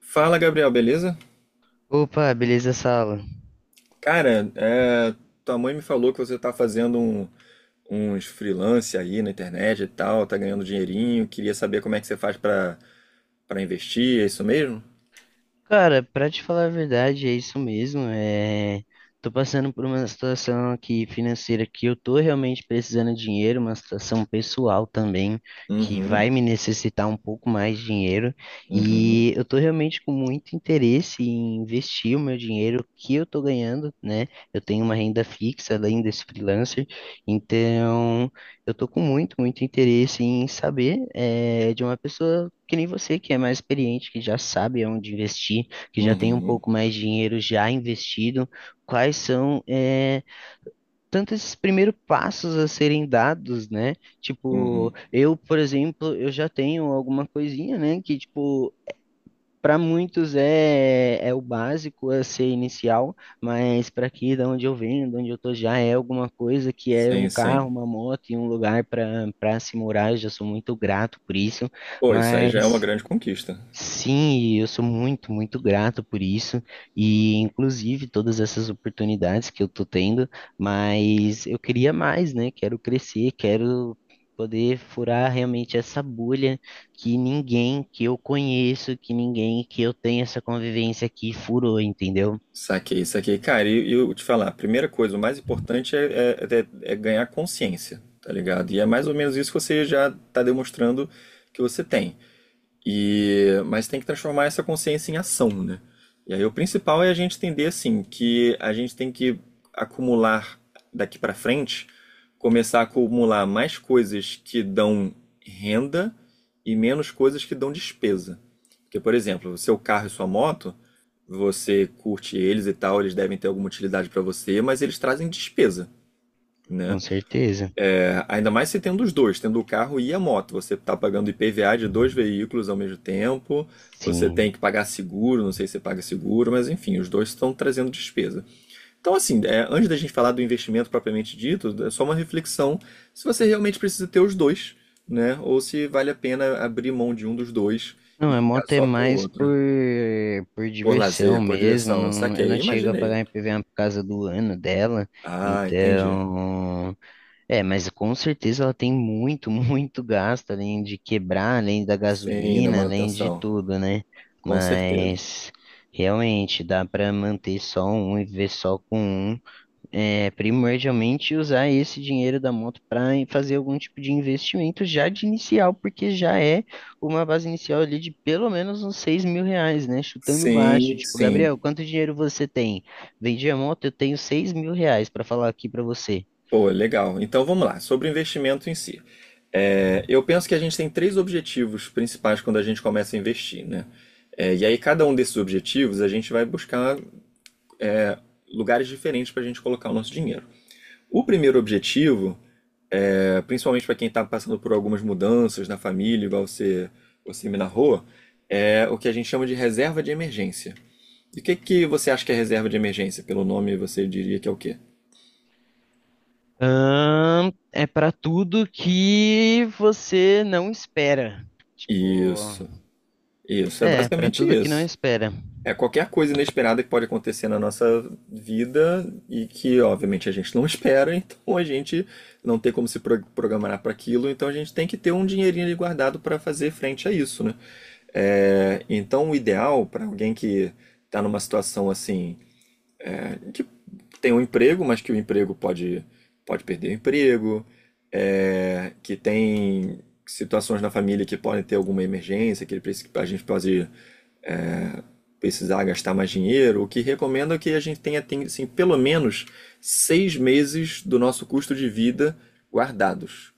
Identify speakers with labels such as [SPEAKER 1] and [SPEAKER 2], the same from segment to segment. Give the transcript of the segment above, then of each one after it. [SPEAKER 1] Fala, Gabriel, beleza?
[SPEAKER 2] Opa, beleza, Sala?
[SPEAKER 1] Cara, é, tua mãe me falou que você tá fazendo uns freelance aí na internet e tal, tá ganhando dinheirinho. Queria saber como é que você faz pra para investir, é isso mesmo?
[SPEAKER 2] Cara, pra te falar a verdade, é isso mesmo. Tô passando por uma situação aqui financeira que eu tô realmente precisando de dinheiro, uma situação pessoal também, que
[SPEAKER 1] Uhum,
[SPEAKER 2] vai me necessitar um pouco mais de dinheiro.
[SPEAKER 1] uhum,
[SPEAKER 2] E eu tô realmente com muito interesse em investir o meu dinheiro que eu tô ganhando, né? Eu tenho uma renda fixa além desse freelancer, então eu tô com muito interesse em saber, de uma pessoa. Que nem você que é mais experiente, que já sabe onde investir, que já tem um
[SPEAKER 1] uhum,
[SPEAKER 2] pouco mais de dinheiro já investido, quais são tantos esses primeiros passos a serem dados, né? Tipo,
[SPEAKER 1] uhum.
[SPEAKER 2] eu, por exemplo, eu já tenho alguma coisinha, né? Que, tipo, para muitos é o básico a ser inicial, mas para aqui, da onde eu venho, de onde eu tô já é alguma coisa que é um
[SPEAKER 1] Sim,
[SPEAKER 2] carro,
[SPEAKER 1] sim.
[SPEAKER 2] uma moto e um lugar para se morar. Eu já sou muito grato por isso,
[SPEAKER 1] Pô, isso aí já é uma
[SPEAKER 2] mas.
[SPEAKER 1] grande conquista.
[SPEAKER 2] Sim, e eu sou muito grato por isso, e inclusive todas essas oportunidades que eu tô tendo, mas eu queria mais, né? Quero crescer, quero poder furar realmente essa bolha que ninguém que eu conheço, que ninguém que eu tenho essa convivência aqui furou, entendeu?
[SPEAKER 1] Saquei, saquei. Cara, e eu te falar, a primeira coisa, o mais importante é ganhar consciência, tá ligado? E é mais ou menos isso que você já tá demonstrando que você tem. E, mas tem que transformar essa consciência em ação, né? E aí o principal é a gente entender assim que a gente tem que acumular daqui para frente, começar a acumular mais coisas que dão renda e menos coisas que dão despesa. Porque, por exemplo, o seu carro e sua moto, você curte eles e tal, eles devem ter alguma utilidade para você, mas eles trazem despesa, né?
[SPEAKER 2] Com certeza.
[SPEAKER 1] Ainda mais se tendo os dois, tendo o carro e a moto. Você está pagando IPVA de dois veículos ao mesmo tempo, você
[SPEAKER 2] Sim.
[SPEAKER 1] tem que pagar seguro, não sei se você paga seguro, mas enfim, os dois estão trazendo despesa. Então, assim, é, antes da gente falar do investimento propriamente dito, é só uma reflexão se você realmente precisa ter os dois, né? Ou se vale a pena abrir mão de um dos dois
[SPEAKER 2] Não,
[SPEAKER 1] e
[SPEAKER 2] a
[SPEAKER 1] ficar
[SPEAKER 2] moto é
[SPEAKER 1] só com o
[SPEAKER 2] mais
[SPEAKER 1] outro.
[SPEAKER 2] por
[SPEAKER 1] Por
[SPEAKER 2] diversão
[SPEAKER 1] lazer, por
[SPEAKER 2] mesmo.
[SPEAKER 1] diversão,
[SPEAKER 2] Não, eu
[SPEAKER 1] saquei,
[SPEAKER 2] não chego a
[SPEAKER 1] imaginei.
[SPEAKER 2] pagar IPVA por causa do ano dela.
[SPEAKER 1] Ah, entendi.
[SPEAKER 2] Então, é, mas com certeza ela tem muito, muito gasto, além de quebrar, além da
[SPEAKER 1] Sim, da
[SPEAKER 2] gasolina, além de
[SPEAKER 1] manutenção.
[SPEAKER 2] tudo, né?
[SPEAKER 1] Com certeza.
[SPEAKER 2] Mas realmente dá para manter só um e viver só com um é, primordialmente usar esse dinheiro da moto para fazer algum tipo de investimento já de inicial, porque já é uma base inicial ali de pelo menos uns 6 mil reais, né? Chutando baixo.
[SPEAKER 1] Sim,
[SPEAKER 2] Tipo,
[SPEAKER 1] sim.
[SPEAKER 2] Gabriel, quanto dinheiro você tem? Vendi a moto, eu tenho 6 mil reais para falar aqui para você.
[SPEAKER 1] Pô, legal. Então vamos lá, sobre o investimento em si. É, eu penso que a gente tem três objetivos principais quando a gente começa a investir, né? É, e aí, cada um desses objetivos, a gente vai buscar lugares diferentes para a gente colocar o nosso dinheiro. O primeiro objetivo, é, principalmente para quem está passando por algumas mudanças na família, igual você, você me narrou, é o que a gente chama de reserva de emergência. E o que, que você acha que é reserva de emergência? Pelo nome, você diria que é o quê?
[SPEAKER 2] É para tudo que você não espera. Tipo,
[SPEAKER 1] Isso, isso, é
[SPEAKER 2] é, para
[SPEAKER 1] basicamente
[SPEAKER 2] tudo que não
[SPEAKER 1] isso.
[SPEAKER 2] espera.
[SPEAKER 1] É, qualquer coisa inesperada que pode acontecer na nossa vida e que, obviamente, a gente não espera, então a gente não tem como se pro- programar para aquilo, então a gente tem que ter um dinheirinho ali guardado para fazer frente a isso, né? É, então, o ideal para alguém que está numa situação assim, que tem um emprego, mas que o emprego pode perder o emprego, é, que tem situações na família que podem ter alguma emergência, que ele, a gente pode precisar gastar mais dinheiro, o que recomendo é que a gente tenha tem, assim, pelo menos 6 meses do nosso custo de vida guardados,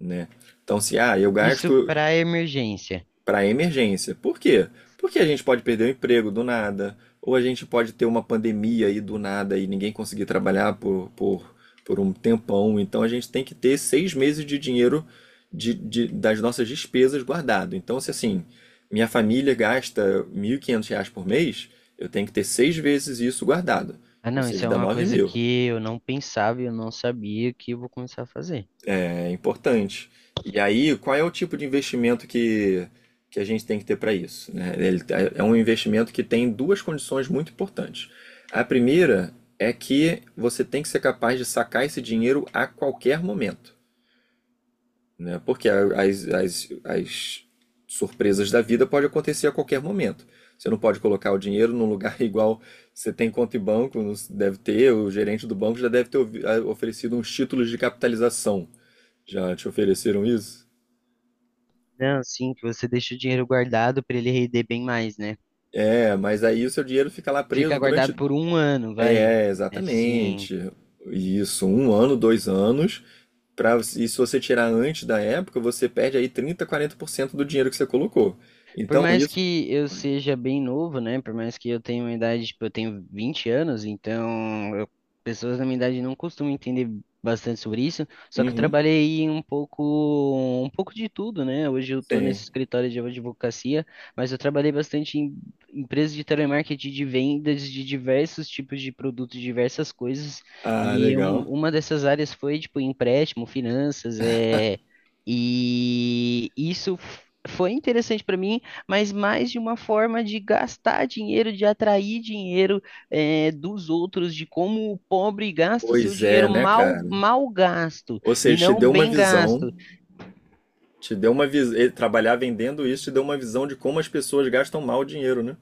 [SPEAKER 1] né? Então, se eu
[SPEAKER 2] Isso
[SPEAKER 1] gasto
[SPEAKER 2] para emergência.
[SPEAKER 1] para emergência. Por quê? Porque a gente pode perder o emprego do nada, ou a gente pode ter uma pandemia aí do nada e ninguém conseguir trabalhar por um tempão. Então a gente tem que ter 6 meses de dinheiro das nossas despesas guardado. Então, se assim, minha família gasta R$ 1.500 por mês, eu tenho que ter seis vezes isso guardado,
[SPEAKER 2] Ah,
[SPEAKER 1] ou
[SPEAKER 2] não, isso
[SPEAKER 1] seja,
[SPEAKER 2] é
[SPEAKER 1] dá
[SPEAKER 2] uma
[SPEAKER 1] nove
[SPEAKER 2] coisa
[SPEAKER 1] mil.
[SPEAKER 2] que eu não pensava e eu não sabia que eu vou começar a fazer.
[SPEAKER 1] É importante. E aí, qual é o tipo de investimento que a gente tem que ter para isso? Né? Ele é um investimento que tem duas condições muito importantes. A primeira é que você tem que ser capaz de sacar esse dinheiro a qualquer momento, né? Porque as surpresas da vida podem acontecer a qualquer momento. Você não pode colocar o dinheiro num lugar igual você tem conta em banco, não deve ter, o gerente do banco já deve ter oferecido uns títulos de capitalização já te ofereceram isso?
[SPEAKER 2] Não, sim, que você deixa o dinheiro guardado para ele render bem mais, né?
[SPEAKER 1] É, mas aí o seu dinheiro fica lá
[SPEAKER 2] Fica
[SPEAKER 1] preso
[SPEAKER 2] guardado
[SPEAKER 1] durante.
[SPEAKER 2] por um ano, vai.
[SPEAKER 1] É,
[SPEAKER 2] Assim,
[SPEAKER 1] exatamente. Isso, um ano, 2 anos. Pra, e se você tirar antes da época, você perde aí 30 40% do dinheiro que você colocou.
[SPEAKER 2] por
[SPEAKER 1] Então
[SPEAKER 2] mais
[SPEAKER 1] isso.
[SPEAKER 2] que eu
[SPEAKER 1] Oi.
[SPEAKER 2] seja bem novo, né? Por mais que eu tenha uma idade, tipo, eu tenho 20 anos, pessoas da minha idade não costumam entender bastante sobre isso. Só que eu
[SPEAKER 1] Uhum,
[SPEAKER 2] trabalhei um pouco de tudo, né? Hoje eu tô
[SPEAKER 1] sim.
[SPEAKER 2] nesse escritório de advocacia, mas eu trabalhei bastante em empresas de telemarketing, de vendas de diversos tipos de produtos, diversas coisas.
[SPEAKER 1] Ah,
[SPEAKER 2] E
[SPEAKER 1] legal.
[SPEAKER 2] uma dessas áreas foi, tipo, empréstimo, finanças, E isso f- foi interessante para mim, mas mais de uma forma de gastar dinheiro, de atrair dinheiro dos outros, de como o pobre gasta o seu
[SPEAKER 1] Pois é,
[SPEAKER 2] dinheiro
[SPEAKER 1] né,
[SPEAKER 2] mal,
[SPEAKER 1] cara?
[SPEAKER 2] mal gasto
[SPEAKER 1] Ou
[SPEAKER 2] e
[SPEAKER 1] seja, te
[SPEAKER 2] não
[SPEAKER 1] deu uma
[SPEAKER 2] bem
[SPEAKER 1] visão.
[SPEAKER 2] gasto.
[SPEAKER 1] Te deu uma visão. Trabalhar vendendo isso te deu uma visão de como as pessoas gastam mal o dinheiro, né?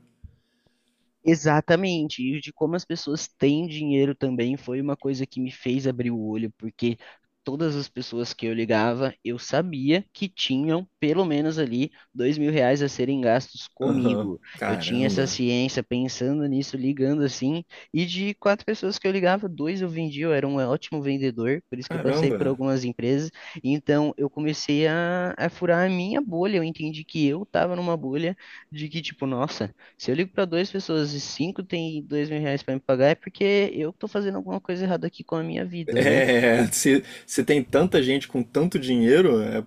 [SPEAKER 2] Exatamente, e de como as pessoas têm dinheiro também foi uma coisa que me fez abrir o olho, porque todas as pessoas que eu ligava, eu sabia que tinham pelo menos ali 2 mil reais a serem gastos
[SPEAKER 1] Aham.
[SPEAKER 2] comigo. Eu tinha essa
[SPEAKER 1] Caramba.
[SPEAKER 2] ciência pensando nisso, ligando assim, e de quatro pessoas que eu ligava, dois eu vendia, eu era um ótimo vendedor, por isso que eu passei
[SPEAKER 1] Caramba.
[SPEAKER 2] por algumas empresas. Então eu comecei a furar a minha bolha, eu entendi que eu estava numa bolha de que, tipo, nossa. Se eu ligo para duas pessoas e cinco tem 2 mil reais para me pagar, é porque eu tô fazendo alguma coisa errada aqui com a minha vida, né?
[SPEAKER 1] É, se tem tanta gente com tanto dinheiro, é,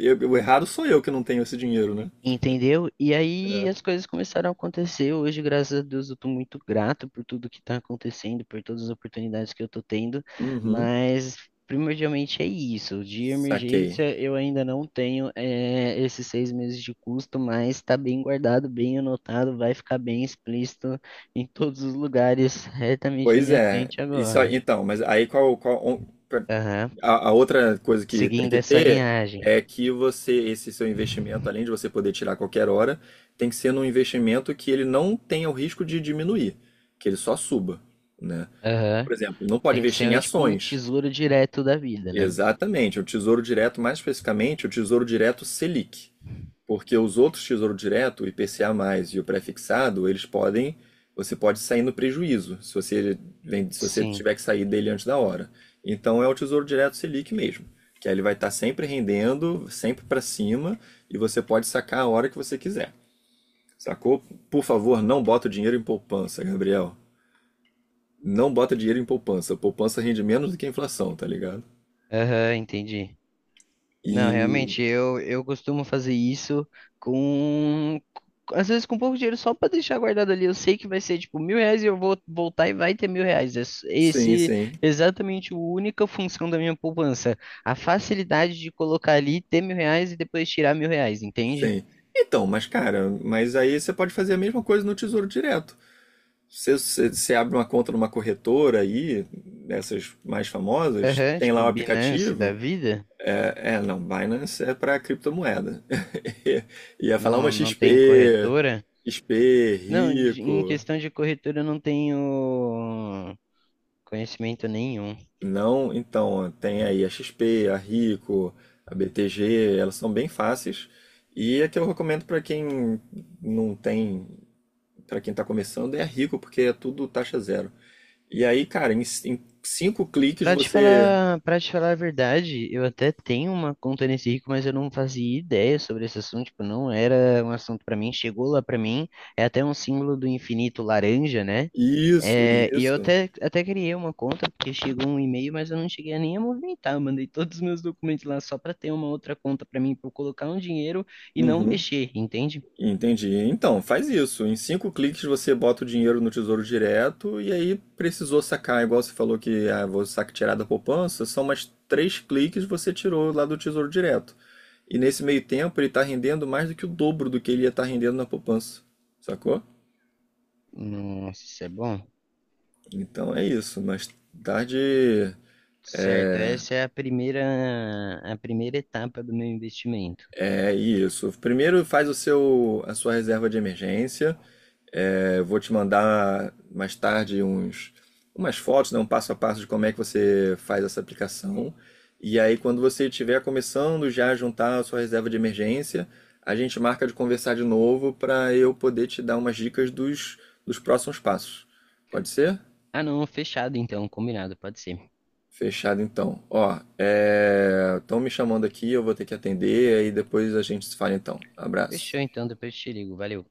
[SPEAKER 1] o errado sou eu que não tenho esse dinheiro, né?
[SPEAKER 2] Entendeu? E aí as
[SPEAKER 1] É.
[SPEAKER 2] coisas começaram a acontecer. Hoje, graças a Deus, eu tô muito grato por tudo que tá acontecendo, por todas as oportunidades que eu tô tendo,
[SPEAKER 1] Uhum,
[SPEAKER 2] mas primordialmente é isso. De
[SPEAKER 1] saquei.
[SPEAKER 2] emergência, eu ainda não tenho esses 6 meses de custo, mas tá bem guardado, bem anotado, vai ficar bem explícito em todos os lugares, retamente na
[SPEAKER 1] Pois
[SPEAKER 2] minha
[SPEAKER 1] é,
[SPEAKER 2] frente
[SPEAKER 1] isso aí,
[SPEAKER 2] agora.
[SPEAKER 1] então, mas aí qual,
[SPEAKER 2] Aham,
[SPEAKER 1] a outra coisa que tem
[SPEAKER 2] seguindo
[SPEAKER 1] que
[SPEAKER 2] essa
[SPEAKER 1] ter
[SPEAKER 2] linhagem.
[SPEAKER 1] é que você, esse seu investimento, além de você poder tirar a qualquer hora, tem que ser num investimento que ele não tenha o risco de diminuir, que ele só suba, né? Então,
[SPEAKER 2] Aham.
[SPEAKER 1] por exemplo, não pode
[SPEAKER 2] Tem que
[SPEAKER 1] investir em
[SPEAKER 2] ser tipo um
[SPEAKER 1] ações.
[SPEAKER 2] tesouro direto da vida, né?
[SPEAKER 1] Exatamente, o Tesouro Direto, mais especificamente, o Tesouro Direto Selic, porque os outros Tesouro Direto, o IPCA+, e o prefixado, eles podem, você pode sair no prejuízo, se você, se você
[SPEAKER 2] Sim.
[SPEAKER 1] tiver que sair dele antes da hora. Então é o Tesouro Direto Selic mesmo, que aí ele vai estar sempre rendendo, sempre para cima, e você pode sacar a hora que você quiser. Sacou? Por favor, não bota o dinheiro em poupança, Gabriel. Não bota dinheiro em poupança. Poupança rende menos do que a inflação, tá ligado?
[SPEAKER 2] Aham, entendi. Não,
[SPEAKER 1] E
[SPEAKER 2] realmente, eu costumo fazer isso com. Às vezes com pouco dinheiro só pra deixar guardado ali. Eu sei que vai ser tipo 1000 reais e eu vou voltar e vai ter 1000 reais.
[SPEAKER 1] sim,
[SPEAKER 2] Esse
[SPEAKER 1] sim.
[SPEAKER 2] é exatamente a única função da minha poupança. A facilidade de colocar ali, ter 1000 reais e depois tirar 1000 reais, entende?
[SPEAKER 1] Sim. Então, mas cara, mas aí você pode fazer a mesma coisa no Tesouro Direto. Você abre uma conta numa corretora aí, dessas mais famosas,
[SPEAKER 2] Aham,
[SPEAKER 1] tem
[SPEAKER 2] tipo
[SPEAKER 1] lá o
[SPEAKER 2] Binance
[SPEAKER 1] aplicativo.
[SPEAKER 2] da vida.
[SPEAKER 1] Não, Binance é para criptomoeda. Ia falar uma
[SPEAKER 2] Não, não tem
[SPEAKER 1] XP,
[SPEAKER 2] corretora.
[SPEAKER 1] XP,
[SPEAKER 2] Não, em
[SPEAKER 1] Rico.
[SPEAKER 2] questão de corretora eu não tenho conhecimento nenhum.
[SPEAKER 1] Não, então, tem aí a XP, a Rico, a BTG, elas são bem fáceis. E é que eu recomendo para quem não tem para quem está começando, é rico, porque é tudo taxa zero. E aí, cara, em cinco cliques você.
[SPEAKER 2] Para te falar a verdade, eu até tenho uma conta nesse rico, mas eu não fazia ideia sobre esse assunto, tipo, não era um assunto pra mim, chegou lá pra mim, é até um símbolo do infinito laranja, né?
[SPEAKER 1] Isso,
[SPEAKER 2] É, e eu
[SPEAKER 1] isso.
[SPEAKER 2] até criei uma conta, porque chegou um e-mail, mas eu não cheguei a nem a movimentar, eu mandei todos os meus documentos lá só pra ter uma outra conta pra mim, pra eu colocar um dinheiro e não
[SPEAKER 1] Uhum.
[SPEAKER 2] mexer, entende?
[SPEAKER 1] Entendi. Então, faz isso. Em cinco cliques você bota o dinheiro no Tesouro Direto e aí precisou sacar, igual você falou que ah, vou sacar tirar da poupança, são mais três cliques você tirou lá do Tesouro Direto. E nesse meio tempo ele está rendendo mais do que o dobro do que ele ia estar rendendo na poupança, sacou?
[SPEAKER 2] Nossa, isso é bom.
[SPEAKER 1] Então é isso, mas tarde.
[SPEAKER 2] Certo, essa é a primeira etapa do meu investimento.
[SPEAKER 1] É isso. Primeiro faz a sua reserva de emergência. É, eu vou te mandar mais tarde uns, umas fotos, né, um passo a passo de como é que você faz essa aplicação. E aí, quando você estiver começando já a juntar a sua reserva de emergência, a gente marca de conversar de novo para eu poder te dar umas dicas dos próximos passos. Pode ser?
[SPEAKER 2] Ah, não, fechado então, combinado, pode ser.
[SPEAKER 1] Fechado então. Ó, estão me chamando aqui, eu vou ter que atender, aí depois a gente se fala então.
[SPEAKER 2] Fechou
[SPEAKER 1] Abraço.
[SPEAKER 2] então, depois eu te ligo, valeu.